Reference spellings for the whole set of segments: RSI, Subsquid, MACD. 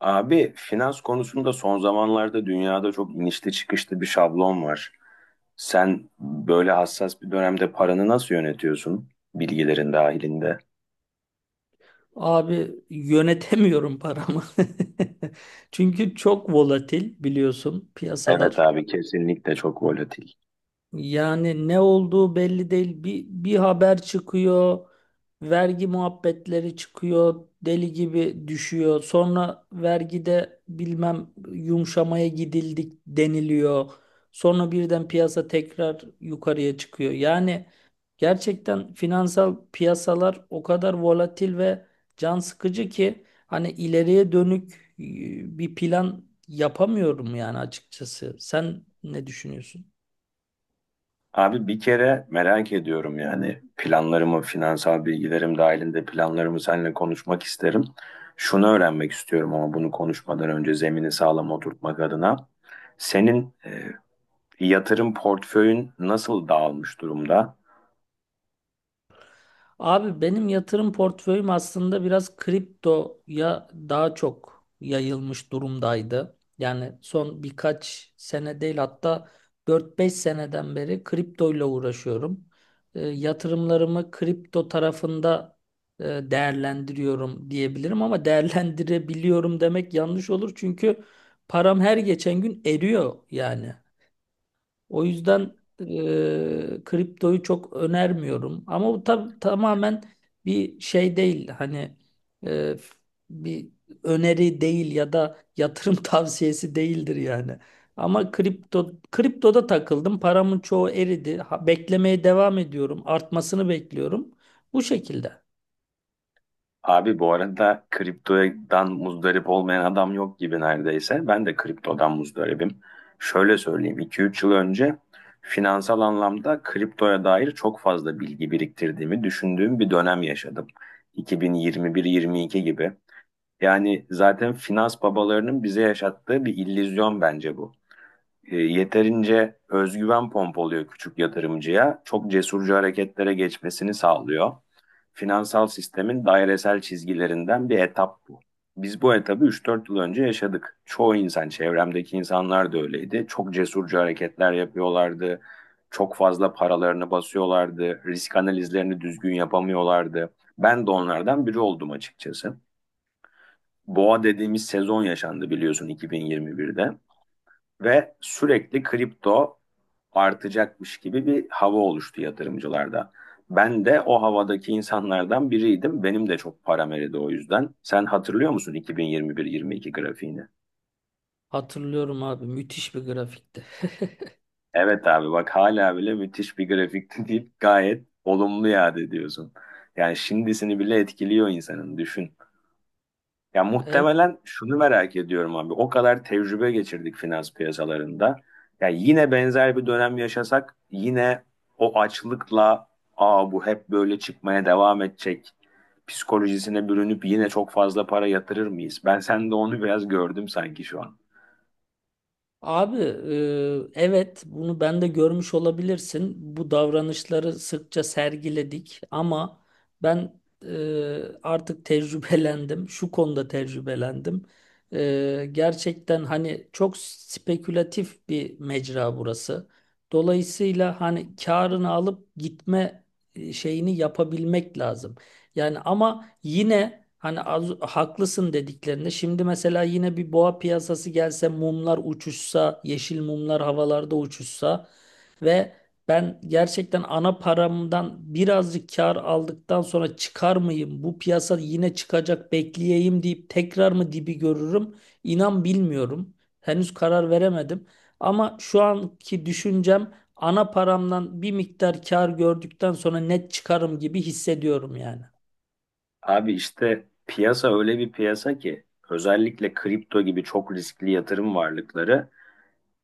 Abi finans konusunda son zamanlarda dünyada çok inişli çıkışlı bir şablon var. Sen böyle hassas bir dönemde paranı nasıl yönetiyorsun bilgilerin dahilinde? Abi yönetemiyorum paramı. Çünkü çok volatil biliyorsun Evet piyasalar. abi kesinlikle çok volatil. Yani ne olduğu belli değil. Bir haber çıkıyor, vergi muhabbetleri çıkıyor, deli gibi düşüyor. Sonra vergide bilmem yumuşamaya gidildik deniliyor. Sonra birden piyasa tekrar yukarıya çıkıyor. Yani gerçekten finansal piyasalar o kadar volatil ve can sıkıcı ki hani ileriye dönük bir plan yapamıyorum yani açıkçası. Sen ne düşünüyorsun? Abi bir kere merak ediyorum yani planlarımı, finansal bilgilerim dahilinde planlarımı seninle konuşmak isterim. Şunu öğrenmek istiyorum ama bunu konuşmadan önce zemini sağlam oturtmak adına. Senin yatırım portföyün nasıl dağılmış durumda? Abi benim yatırım portföyüm aslında biraz kriptoya daha çok yayılmış durumdaydı. Yani son birkaç sene değil, hatta 4-5 seneden beri kriptoyla uğraşıyorum. Yatırımlarımı kripto tarafında değerlendiriyorum diyebilirim, ama değerlendirebiliyorum demek yanlış olur çünkü param her geçen gün eriyor yani. O yüzden kriptoyu çok önermiyorum. Ama bu tamamen bir şey değil. Hani e, bir öneri değil ya da yatırım tavsiyesi değildir yani. Ama kriptoda takıldım. Paramın çoğu eridi. Ha, beklemeye devam ediyorum. Artmasını bekliyorum. Bu şekilde. Abi bu arada kriptodan muzdarip olmayan adam yok gibi neredeyse. Ben de kriptodan muzdaribim. Şöyle söyleyeyim, 2-3 yıl önce finansal anlamda kriptoya dair çok fazla bilgi biriktirdiğimi düşündüğüm bir dönem yaşadım. 2021-22 gibi. Yani zaten finans babalarının bize yaşattığı bir illüzyon bence bu. Yeterince özgüven pompalıyor küçük yatırımcıya, çok cesurca hareketlere geçmesini sağlıyor finansal sistemin dairesel çizgilerinden bir etap bu. Biz bu etabı üç dört yıl önce yaşadık. Çoğu insan, çevremdeki insanlar da öyleydi. Çok cesurca hareketler yapıyorlardı. Çok fazla paralarını basıyorlardı. Risk analizlerini düzgün yapamıyorlardı. Ben de onlardan biri oldum açıkçası. Boğa dediğimiz sezon yaşandı biliyorsun 2021'de ve sürekli kripto artacakmış gibi bir hava oluştu yatırımcılarda. Ben de o havadaki insanlardan biriydim. Benim de çok param eridi o yüzden. Sen hatırlıyor musun 2021-22 grafiğini? Hatırlıyorum abi, müthiş bir grafikti. Evet abi bak hala bile müthiş bir grafikti deyip gayet olumlu yad ediyorsun. Yani şimdisini bile etkiliyor insanın düşün. Ya Evet. muhtemelen şunu merak ediyorum abi. O kadar tecrübe geçirdik finans piyasalarında. Ya yine benzer bir dönem yaşasak yine o açlıkla aa bu hep böyle çıkmaya devam edecek psikolojisine bürünüp yine çok fazla para yatırır mıyız? Ben sende onu biraz gördüm sanki şu an. Abi evet, bunu ben de görmüş olabilirsin. Bu davranışları sıkça sergiledik, ama ben artık tecrübelendim. Şu konuda tecrübelendim. Gerçekten hani çok spekülatif bir mecra burası. Dolayısıyla hani karını alıp gitme şeyini yapabilmek lazım. Yani ama yine hani az, haklısın dediklerinde şimdi mesela yine bir boğa piyasası gelse mumlar uçuşsa, yeşil mumlar havalarda uçuşsa ve ben gerçekten ana paramdan birazcık kar aldıktan sonra çıkar mıyım? Bu piyasa yine çıkacak, bekleyeyim deyip tekrar mı dibi görürüm? İnan bilmiyorum. Henüz karar veremedim. Ama şu anki düşüncem, ana paramdan bir miktar kar gördükten sonra net çıkarım gibi hissediyorum yani. Abi işte piyasa öyle bir piyasa ki özellikle kripto gibi çok riskli yatırım varlıkları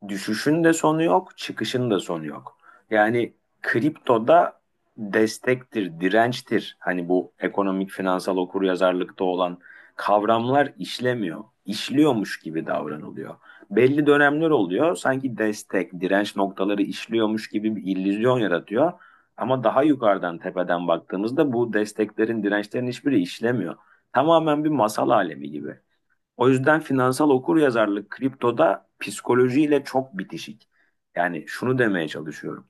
düşüşün de sonu yok, çıkışın da sonu yok. Yani kriptoda destektir, dirençtir. Hani bu ekonomik finansal okuryazarlıkta olan kavramlar işlemiyor. İşliyormuş gibi davranılıyor. Belli dönemler oluyor. Sanki destek, direnç noktaları işliyormuş gibi bir illüzyon yaratıyor. Ama daha yukarıdan tepeden baktığımızda bu desteklerin, dirençlerin hiçbiri işlemiyor. Tamamen bir masal alemi gibi. O yüzden finansal okuryazarlık kriptoda psikolojiyle çok bitişik. Yani şunu demeye çalışıyorum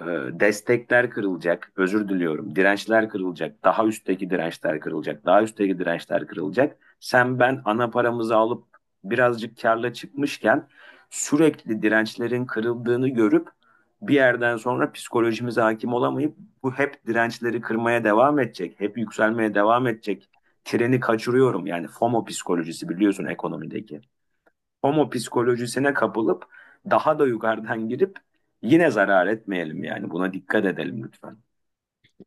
destekler kırılacak, özür diliyorum, dirençler kırılacak, daha üstteki dirençler kırılacak, daha üstteki dirençler kırılacak. Sen ben ana paramızı alıp birazcık karla çıkmışken sürekli dirençlerin kırıldığını görüp bir yerden sonra psikolojimize hakim olamayıp bu hep dirençleri kırmaya devam edecek, hep yükselmeye devam edecek. Treni kaçırıyorum yani FOMO psikolojisi biliyorsun ekonomideki homo psikolojisine kapılıp daha da yukarıdan girip yine zarar etmeyelim yani buna dikkat edelim lütfen.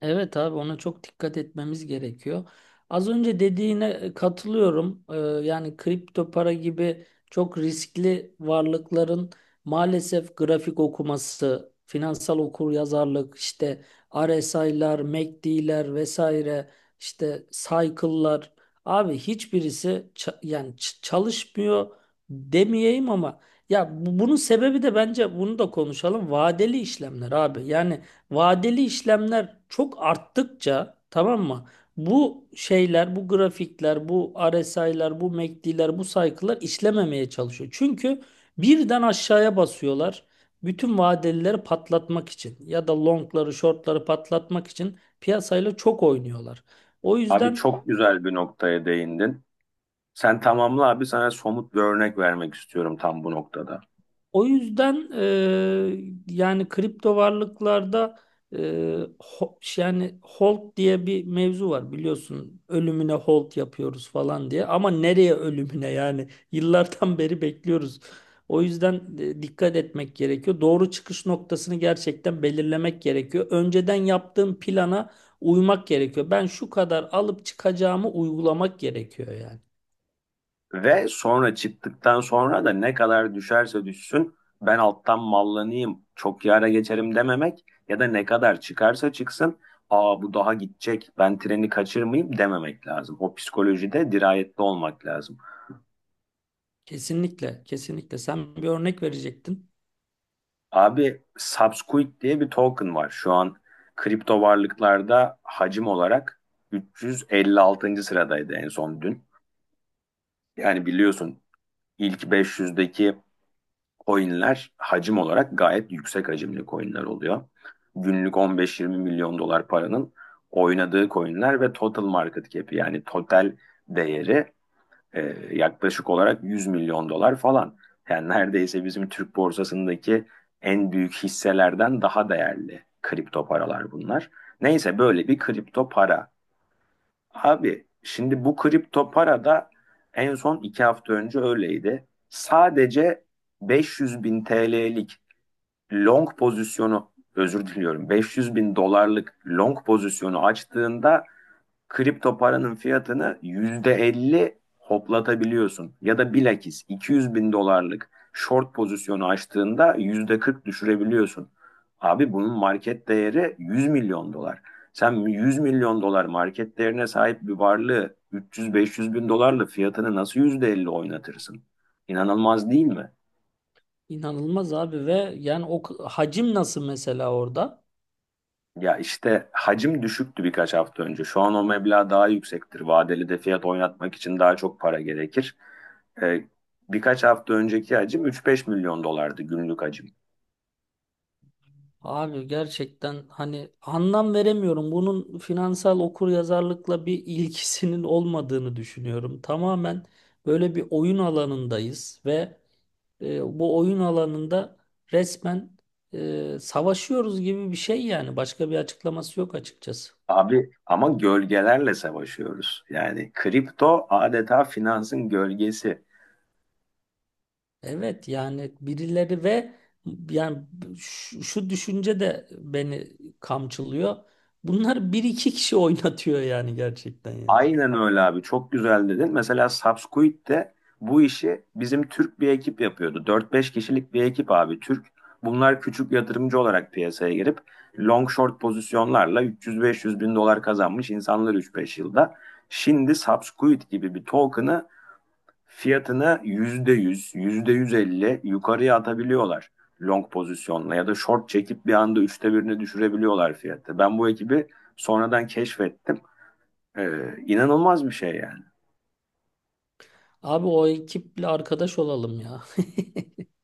Evet abi, ona çok dikkat etmemiz gerekiyor. Az önce dediğine katılıyorum. Yani kripto para gibi çok riskli varlıkların maalesef grafik okuması, finansal okuryazarlık, işte RSI'lar, MACD'ler vesaire, işte cycle'lar. Abi hiçbirisi çalışmıyor demeyeyim, ama ya bunun sebebi de, bence bunu da konuşalım. Vadeli işlemler abi. Yani vadeli işlemler çok arttıkça, tamam mı? Bu şeyler, bu grafikler, bu RSI'lar, bu MACD'ler, bu cycle'lar işlememeye çalışıyor. Çünkü birden aşağıya basıyorlar. Bütün vadelileri patlatmak için ya da longları, shortları patlatmak için piyasayla çok oynuyorlar. O Abi yüzden çok güzel bir noktaya değindin. Sen tamamla abi sana somut bir örnek vermek istiyorum tam bu noktada. O yüzden yani kripto varlıklarda e, yani hold diye bir mevzu var biliyorsun. Ölümüne hold yapıyoruz falan diye. Ama nereye ölümüne, yani yıllardan beri bekliyoruz. O yüzden dikkat etmek gerekiyor. Doğru çıkış noktasını gerçekten belirlemek gerekiyor. Önceden yaptığım plana uymak gerekiyor. Ben şu kadar alıp çıkacağımı uygulamak gerekiyor yani. Ve sonra çıktıktan sonra da ne kadar düşerse düşsün ben alttan mallanayım çok yara geçerim dememek ya da ne kadar çıkarsa çıksın aa bu daha gidecek ben treni kaçırmayayım dememek lazım. O psikolojide dirayetli olmak lazım. Kesinlikle, kesinlikle. Sen bir örnek verecektin. Abi Subsquid diye bir token var. Şu an kripto varlıklarda hacim olarak 356. sıradaydı en son dün. Yani biliyorsun ilk 500'deki coinler hacim olarak gayet yüksek hacimli coinler oluyor. Günlük 15-20 milyon dolar paranın oynadığı coinler ve total market cap'i yani total değeri ee, yaklaşık olarak 100 milyon dolar falan. Yani neredeyse bizim Türk borsasındaki en büyük hisselerden daha değerli kripto paralar bunlar. Neyse böyle bir kripto para. Abi şimdi bu kripto para da en son iki hafta önce öyleydi. Sadece 500 bin TL'lik long pozisyonu özür diliyorum 500 bin dolarlık long pozisyonu açtığında kripto paranın fiyatını %50 hoplatabiliyorsun. Ya da bilakis 200 bin dolarlık short pozisyonu açtığında %40 düşürebiliyorsun. Abi bunun market değeri 100 milyon dolar. Sen 100 milyon dolar market değerine sahip bir varlığı 300-500 bin dolarla fiyatını nasıl %50 oynatırsın? İnanılmaz değil mi? İnanılmaz abi, ve yani o hacim nasıl mesela orada? Ya işte hacim düşüktü birkaç hafta önce. Şu an o meblağ daha yüksektir. Vadeli de fiyat oynatmak için daha çok para gerekir. Ee, birkaç hafta önceki hacim üç beş milyon dolardı günlük hacim. Abi gerçekten hani anlam veremiyorum. Bunun finansal okuryazarlıkla bir ilgisinin olmadığını düşünüyorum. Tamamen böyle bir oyun alanındayız ve bu oyun alanında resmen savaşıyoruz gibi bir şey yani. Başka bir açıklaması yok açıkçası. Abi ama gölgelerle savaşıyoruz. Yani kripto adeta finansın gölgesi. Evet, yani birileri ve yani şu düşünce de beni kamçılıyor. Bunlar bir iki kişi oynatıyor yani, gerçekten yani. Aynen öyle abi. Çok güzel dedin. Mesela Subsquid de bu işi bizim Türk bir ekip yapıyordu. Dört beş kişilik bir ekip abi Türk. Bunlar küçük yatırımcı olarak piyasaya girip long short pozisyonlarla 300-500 bin dolar kazanmış insanlar üç beş yılda. Şimdi Subsquid gibi bir token'ı fiyatını yüzde yüzde yüz, yüzde yüz elli yukarıya atabiliyorlar long pozisyonla ya da short çekip bir anda üçte birini düşürebiliyorlar fiyatı. Ben bu ekibi sonradan keşfettim. İnanılmaz bir şey yani. Abi o ekiple arkadaş olalım ya.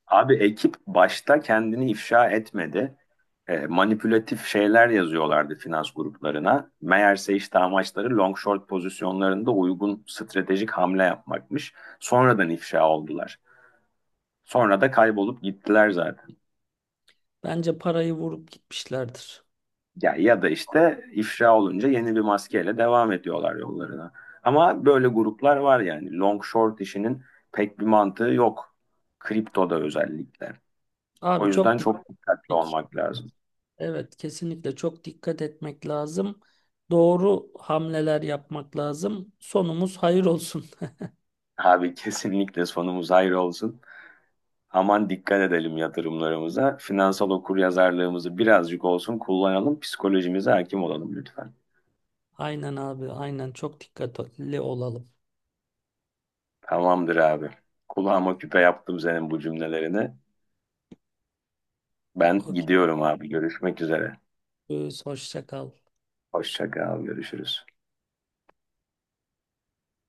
Abi ekip başta kendini ifşa etmedi. Manipülatif şeyler yazıyorlardı finans gruplarına. Meğerse işte amaçları long short pozisyonlarında uygun stratejik hamle yapmakmış. Sonradan ifşa oldular. Sonra da kaybolup gittiler zaten. Bence parayı vurup gitmişlerdir. Ya ya da işte ifşa olunca yeni bir maskeyle devam ediyorlar yollarına. Ama böyle gruplar var yani. Long short işinin pek bir mantığı yok. Kriptoda özellikle. O Abi çok yüzden çok dikkatli dikkat. olmak lazım. Evet, kesinlikle çok dikkat etmek lazım. Doğru hamleler yapmak lazım. Sonumuz hayır olsun. Abi kesinlikle sonumuz hayır olsun. Aman dikkat edelim yatırımlarımıza. Finansal okuryazarlığımızı birazcık olsun kullanalım. Psikolojimize hakim olalım lütfen. Aynen abi, aynen çok dikkatli olalım. Tamamdır abi. Kulağıma küpe yaptım senin bu cümlelerini. Ben Okey. gidiyorum abi. Görüşmek üzere. Hoşça kal. Hoşça kal. Görüşürüz.